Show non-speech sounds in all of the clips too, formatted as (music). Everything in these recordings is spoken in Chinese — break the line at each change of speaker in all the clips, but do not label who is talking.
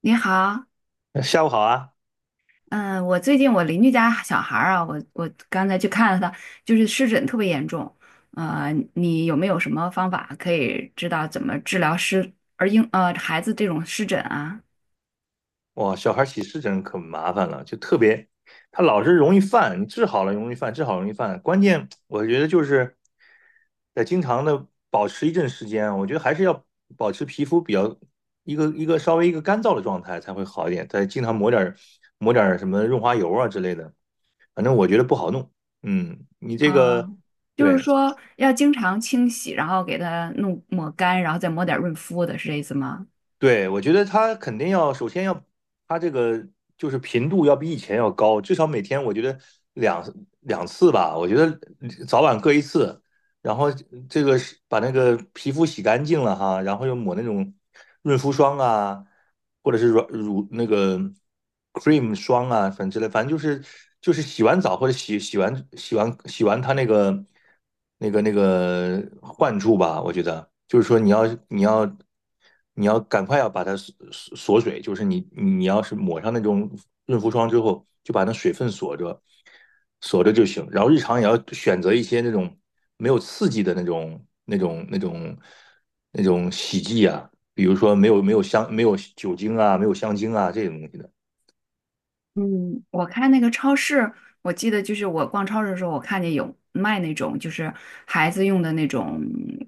你好，
下午好啊！
嗯，我最近我邻居家小孩儿啊，我刚才去看了他，就是湿疹特别严重，你有没有什么方法可以知道怎么治疗湿而婴呃孩子这种湿疹啊？
哇，小孩起湿疹可麻烦了，就特别，他老是容易犯，你治好了容易犯，治好容易犯。关键我觉得就是得经常的保持一阵时间，我觉得还是要保持皮肤比较一个干燥的状态才会好一点。再经常抹点什么润滑油啊之类的，反正我觉得不好弄。嗯，你这
啊，
个
就是
对。
说要经常清洗，然后给他弄抹干，然后再抹点润肤的，是这意思吗？
对，我觉得他肯定要，首先要，他这个就是频度要比以前要高，至少每天我觉得两两次吧，我觉得早晚各一次，然后这个是把那个皮肤洗干净了哈，然后又抹那种润肤霜啊，或者是那个 cream 霜啊，反正之类，反正就是洗完澡或者洗完他那个患处吧，我觉得就是说你要。你要赶快要把它锁水，就是你要是抹上那种润肤霜之后，就把那水分锁着，锁着就行。然后日常也要选择一些那种没有刺激的那种洗剂啊，比如说没有香没有酒精啊，没有香精啊这种东西的。
嗯，我看那个超市，我记得就是我逛超市的时候，我看见有卖那种就是孩子用的那种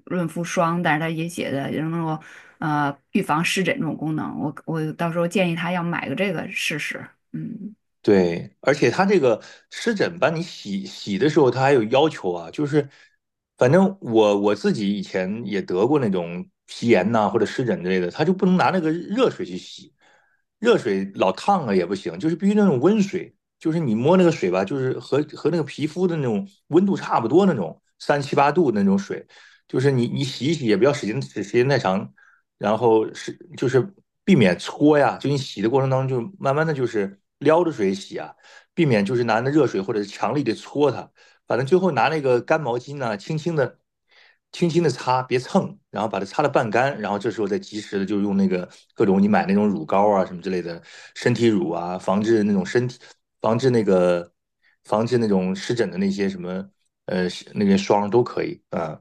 润肤霜，但是它也写的能够预防湿疹这种功能。我到时候建议他要买个这个试试。嗯。
对，而且他这个湿疹吧，你洗的时候，他还有要求啊，就是反正我自己以前也得过那种皮炎呐、或者湿疹之类的，他就不能拿那个热水去洗，热水老烫了也不行，就是必须那种温水，就是你摸那个水吧，就是和那个皮肤的那种温度差不多那种三七八度那种水，就是你洗一洗也不要使劲使时间太长，然后就是避免搓呀，就你洗的过程当中，就慢慢的就是撩着水洗啊，避免就是拿那热水或者是强力的搓它，反正最后拿那个干毛巾呢，轻轻的、轻轻的擦，别蹭，然后把它擦得半干，然后这时候再及时的就用那个各种你买那种乳膏啊什么之类的身体乳啊，防治那个防治那种湿疹的那些什么呃那个霜都可以啊，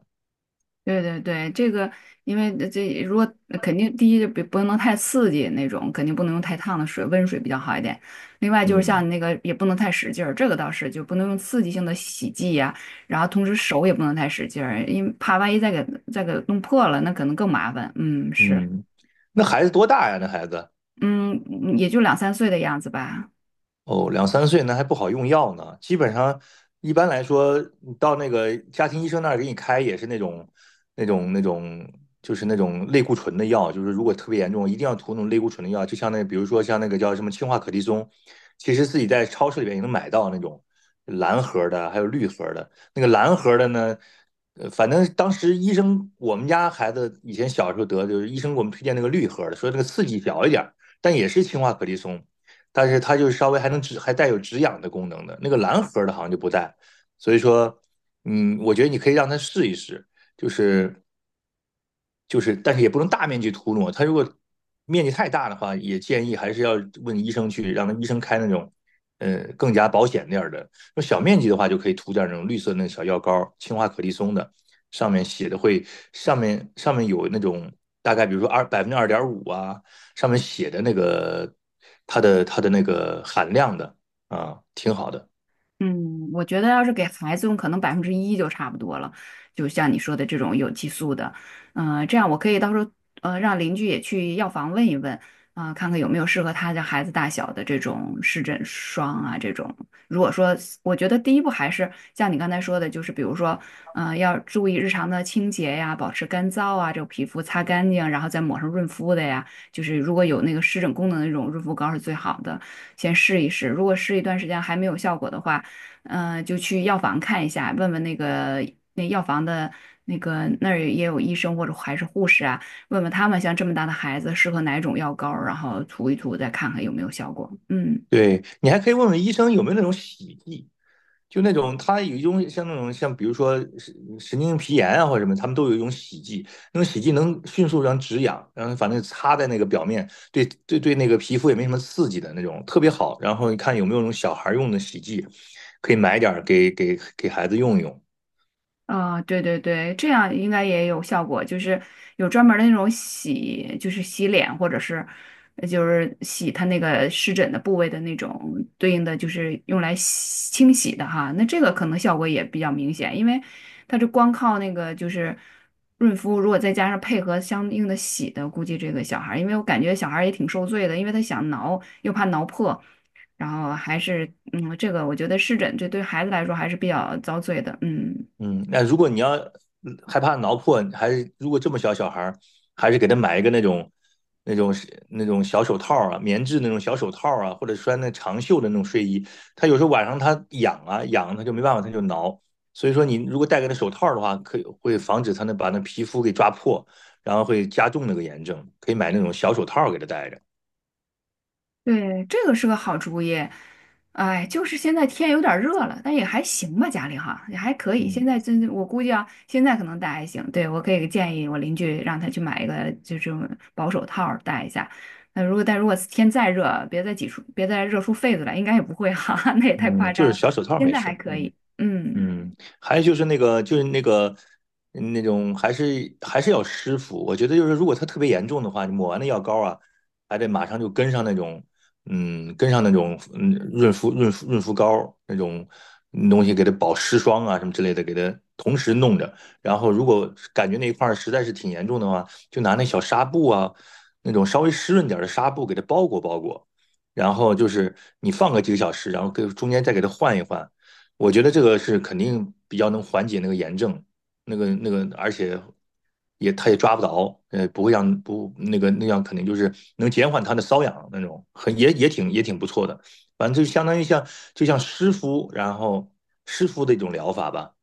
对对对，这个因为这如果肯定第一就别不能太刺激那种，肯定不能用太烫的水，温水比较好一点。另外就是像
嗯
那个也不能太使劲儿，这个倒是就不能用刺激性的洗剂呀，然后同时手也不能太使劲儿，因为怕万一再给弄破了，那可能更麻烦。嗯，是。
嗯，那孩子多大呀？那孩子？
嗯也就两三岁的样子吧。
哦，两三岁那还不好用药呢。基本上，一般来说，你到那个家庭医生那儿给你开也是那种、那种、那种，就是那种类固醇的药。就是如果特别严重，一定要涂那种类固醇的药。就像那，比如说像那个叫什么氢化可的松，其实自己在超市里边也能买到那种蓝盒儿的，还有绿盒儿的。那个蓝盒儿的呢，反正当时医生，我们家孩子以前小时候得，就是医生给我们推荐那个绿盒儿的，说这个刺激小一点儿，但也是氢化可的松。但是它就是稍微还能止，还带有止痒的功能的。那个蓝盒的好像就不带，所以说，嗯，我觉得你可以让他试一试，就是就是但是也不能大面积涂抹，它如果面积太大的话，也建议还是要问医生去，让他医生开那种更加保险点儿的。那小面积的话，就可以涂点那种绿色那小药膏，氢化可利松的，上面写的会上面有那种大概比如说2.5%啊，上面写的那个它的那个含量的啊，挺好的。
嗯，我觉得要是给孩子用，可能1%就差不多了。就像你说的这种有激素的，这样我可以到时候让邻居也去药房问一问啊，看看有没有适合他的孩子大小的这种湿疹霜啊这种。如果说我觉得第一步还是像你刚才说的，就是比如说要注意日常的清洁呀，保持干燥啊，这个皮肤擦干净，然后再抹上润肤的呀。就是如果有那个湿疹功能的那种润肤膏是最好的，先试一试。如果试一段时间还没有效果的话，就去药房看一下，问问那个那药房的那个那儿也有医生或者还是护士啊，问问他们像这么大的孩子适合哪种药膏儿然后涂一涂，再看看有没有效果。嗯。
对，你还可以问问医生有没有那种洗剂，就那种他有一种像那种像比如说神经皮炎啊或者什么，他们都有一种洗剂，那种洗剂能迅速让止痒，然后反正擦在那个表面，对对对，那个皮肤也没什么刺激的那种，特别好。然后你看有没有那种小孩用的洗剂，可以买点儿给孩子用一用。
啊，对对对，这样应该也有效果，就是有专门儿的那种洗，就是洗脸或者是就是洗它那个湿疹的部位的那种对应的，就是用来洗清洗的哈。那这个可能效果也比较明显，因为它是光靠那个就是润肤，如果再加上配合相应的洗的，估计这个小孩儿因为我感觉小孩儿也挺受罪的，因为他想挠又怕挠破，然后还是这个我觉得湿疹这对孩子来说还是比较遭罪的，嗯。
嗯，那如果你要害怕挠破，还是如果这么小小孩儿，还是给他买一个那种那种小手套啊，棉质那种小手套啊，或者穿那长袖的那种睡衣。他有时候晚上他痒啊痒，他就没办法，他就挠。所以说，你如果戴个那手套的话，可以会防止他那把那皮肤给抓破，然后会加重那个炎症。可以买那种小手套给他戴着，
对，这个是个好主意。哎，就是现在天有点儿热了，但也还行吧，家里哈也还可以。现
嗯
在真，我估计啊，现在可能戴还行。对，我可以建议我邻居让他去买一个，就这种薄手套儿戴一下。那如果但如果天再热，别再热出痱子来，应该也不会哈，(laughs) 那也太夸
嗯，就
张
是
了。
小手套
现
没
在还
事
可
嗯。
以，嗯。
嗯，还有那种还是要湿敷。我觉得就是，如果它特别严重的话，你抹完那药膏啊，还得马上就跟上那种，嗯，跟上那种，嗯，润肤润肤润肤膏那种东西，给它保湿霜啊什么之类的，给它同时弄着。然后如果感觉那一块儿实在是挺严重的话，就拿那小纱布啊，那种稍微湿润点儿的纱布给它包裹包裹。然后就是你放个几个小时，然后给中间再给它换一换。我觉得这个是肯定比较能缓解那个炎症，而且也他也抓不着，不会让不那个那样，肯定就是能减缓他的瘙痒那种，很也也挺也挺不错的。反正就相当于就像湿敷，然后湿敷的一种疗法吧。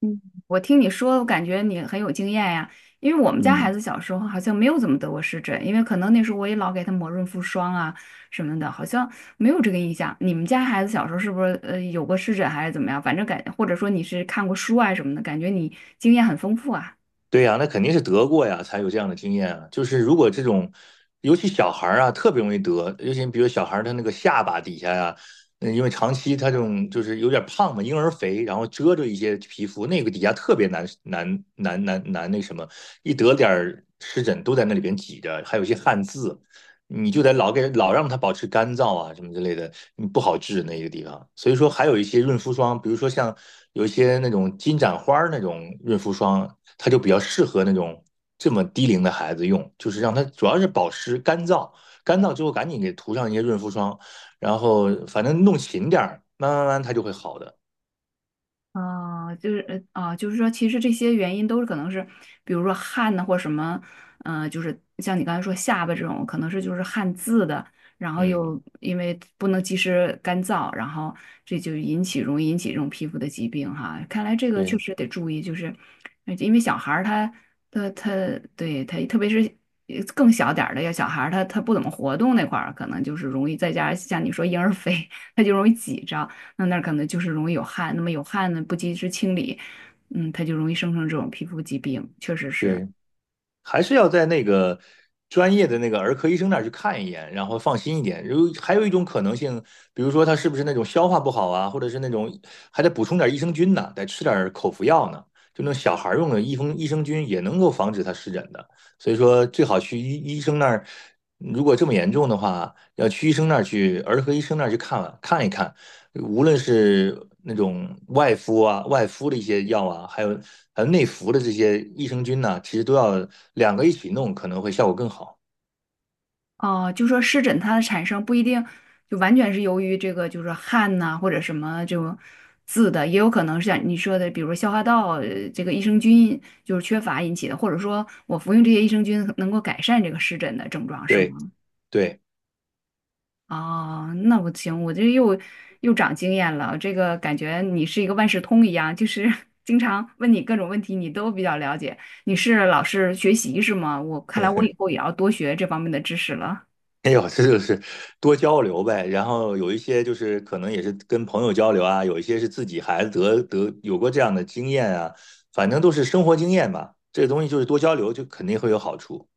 嗯，我听你说，我感觉你很有经验呀。因为我们家孩
嗯，
子小时候好像没有怎么得过湿疹，因为可能那时候我也老给他抹润肤霜啊什么的，好像没有这个印象。你们家孩子小时候是不是有过湿疹还是怎么样？反正或者说你是看过书啊什么的，感觉你经验很丰富啊。
对呀，那肯定是得过呀，才有这样的经验啊。就是如果这种，尤其小孩儿啊，特别容易得，尤其比如小孩儿他那个下巴底下呀、因为长期他这种就是有点胖嘛，婴儿肥，然后遮着一些皮肤，那个底下特别难那什么，一得点儿湿疹都在那里边挤着，还有一些汗渍，你就得老让它保持干燥啊，什么之类的，你不好治那个地方。所以说，还有一些润肤霜，比如说像有一些那种金盏花儿那种润肤霜，它就比较适合那种这么低龄的孩子用，就是让它主要是保湿干燥，干燥之后赶紧给涂上一些润肤霜，然后反正弄勤点儿，慢慢慢慢它就会好的。
啊，就是说，其实这些原因都是可能是，比如说汗呐，或什么，就是像你刚才说下巴这种，可能是就是汗渍的，然后
嗯，
又因为不能及时干燥，然后这就容易引起这种皮肤的疾病哈。看来这个确
对
实得注意，就是因为小孩儿他对他，特别是更小点儿的，要小孩儿他不怎么活动那块儿，可能就是容易再加上像你说婴儿肥，(laughs) 他就容易挤着。那儿可能就是容易有汗，那么有汗呢，不及时清理，它就容易生成这种皮肤疾病，确实是。
对。还是要在那个专业的那个儿科医生那儿去看一眼，然后放心一点。还有一种可能性，比如说他是不是那种消化不好啊，或者是那种还得补充点益生菌呢，得吃点口服药呢，就那种小孩用的益生菌也能够防止他湿疹的。所以说，最好去医生那儿，如果这么严重的话，要去医生那儿去儿科医生那儿去看一看，无论是那种外敷的一些药啊，还有内服的这些益生菌呢、其实都要两个一起弄，可能会效果更好。
哦，就说湿疹它的产生不一定就完全是由于这个，就是汗呐，或者什么这种渍的，也有可能是像你说的，比如消化道这个益生菌就是缺乏引起的，或者说我服用这些益生菌能够改善这个湿疹的症状，是
对
吗？
对，
哦，那不行，我这又长经验了。这个感觉你是一个万事通一样，就是 (laughs) 经常问你各种问题，你都比较了解。你是老是学习是吗？我看来我以
(laughs)
后也要多学这方面的知识了。
哎呦，这就是多交流呗。然后有一些就是可能也是跟朋友交流啊，有一些是自己孩子得有过这样的经验啊，反正都是生活经验吧。这个东西就是多交流，就肯定会有好处。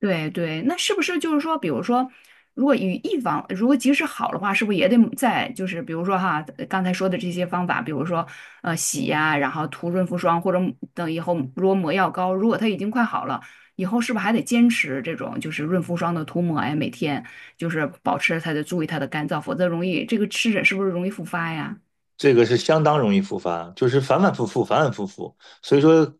对对，那是不是就是说，比如说，如果与一方如果即使好的话，是不是也得在就是比如说哈，刚才说的这些方法，比如说洗呀，然后涂润肤霜，或者等以后如果抹药膏，如果它已经快好了，以后是不是还得坚持这种就是润肤霜的涂抹呀？每天就是保持它的注意它的干燥，否则容易这个湿疹是不是容易复发呀？
这个是相当容易复发，就是反反复复，反反复复，所以说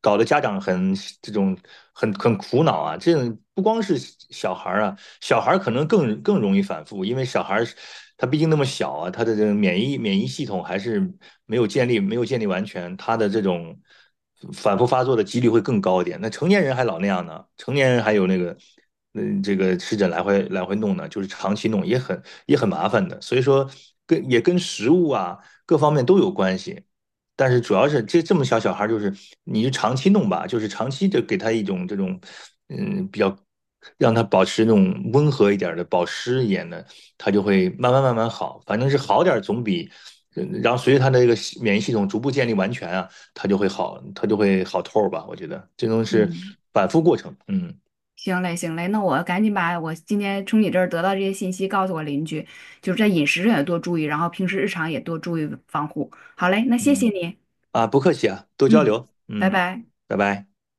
搞得家长这种很苦恼啊。这种不光是小孩儿啊，小孩儿可能更容易反复，因为小孩儿他毕竟那么小啊，他的这个免疫系统还是没有建立完全，他的这种反复发作的几率会更高一点。那成年人还老那样呢，成年人还有那个。嗯，这个湿疹来回来回弄呢，就是长期弄也很麻烦的，所以说也跟食物啊，各方面都有关系。但是主要是这么小小孩，就是你就长期弄吧，就是长期的给他一种这种，比较让他保持那种温和一点的、保湿一点的，他就会慢慢慢慢好。反正是好点儿总比，然后随着他的这个免疫系统逐步建立完全啊，他就会好，他就会好透儿吧。我觉得这种是
嗯。
反复过程，嗯
行嘞，行嘞，那我赶紧把我今天从你这儿得到这些信息告诉我邻居，就是在饮食上也多注意，然后平时日常也多注意防护。好嘞，那谢谢
嗯，
你，
啊，不客气啊，多交
嗯，
流，
拜
嗯，
拜。
拜拜。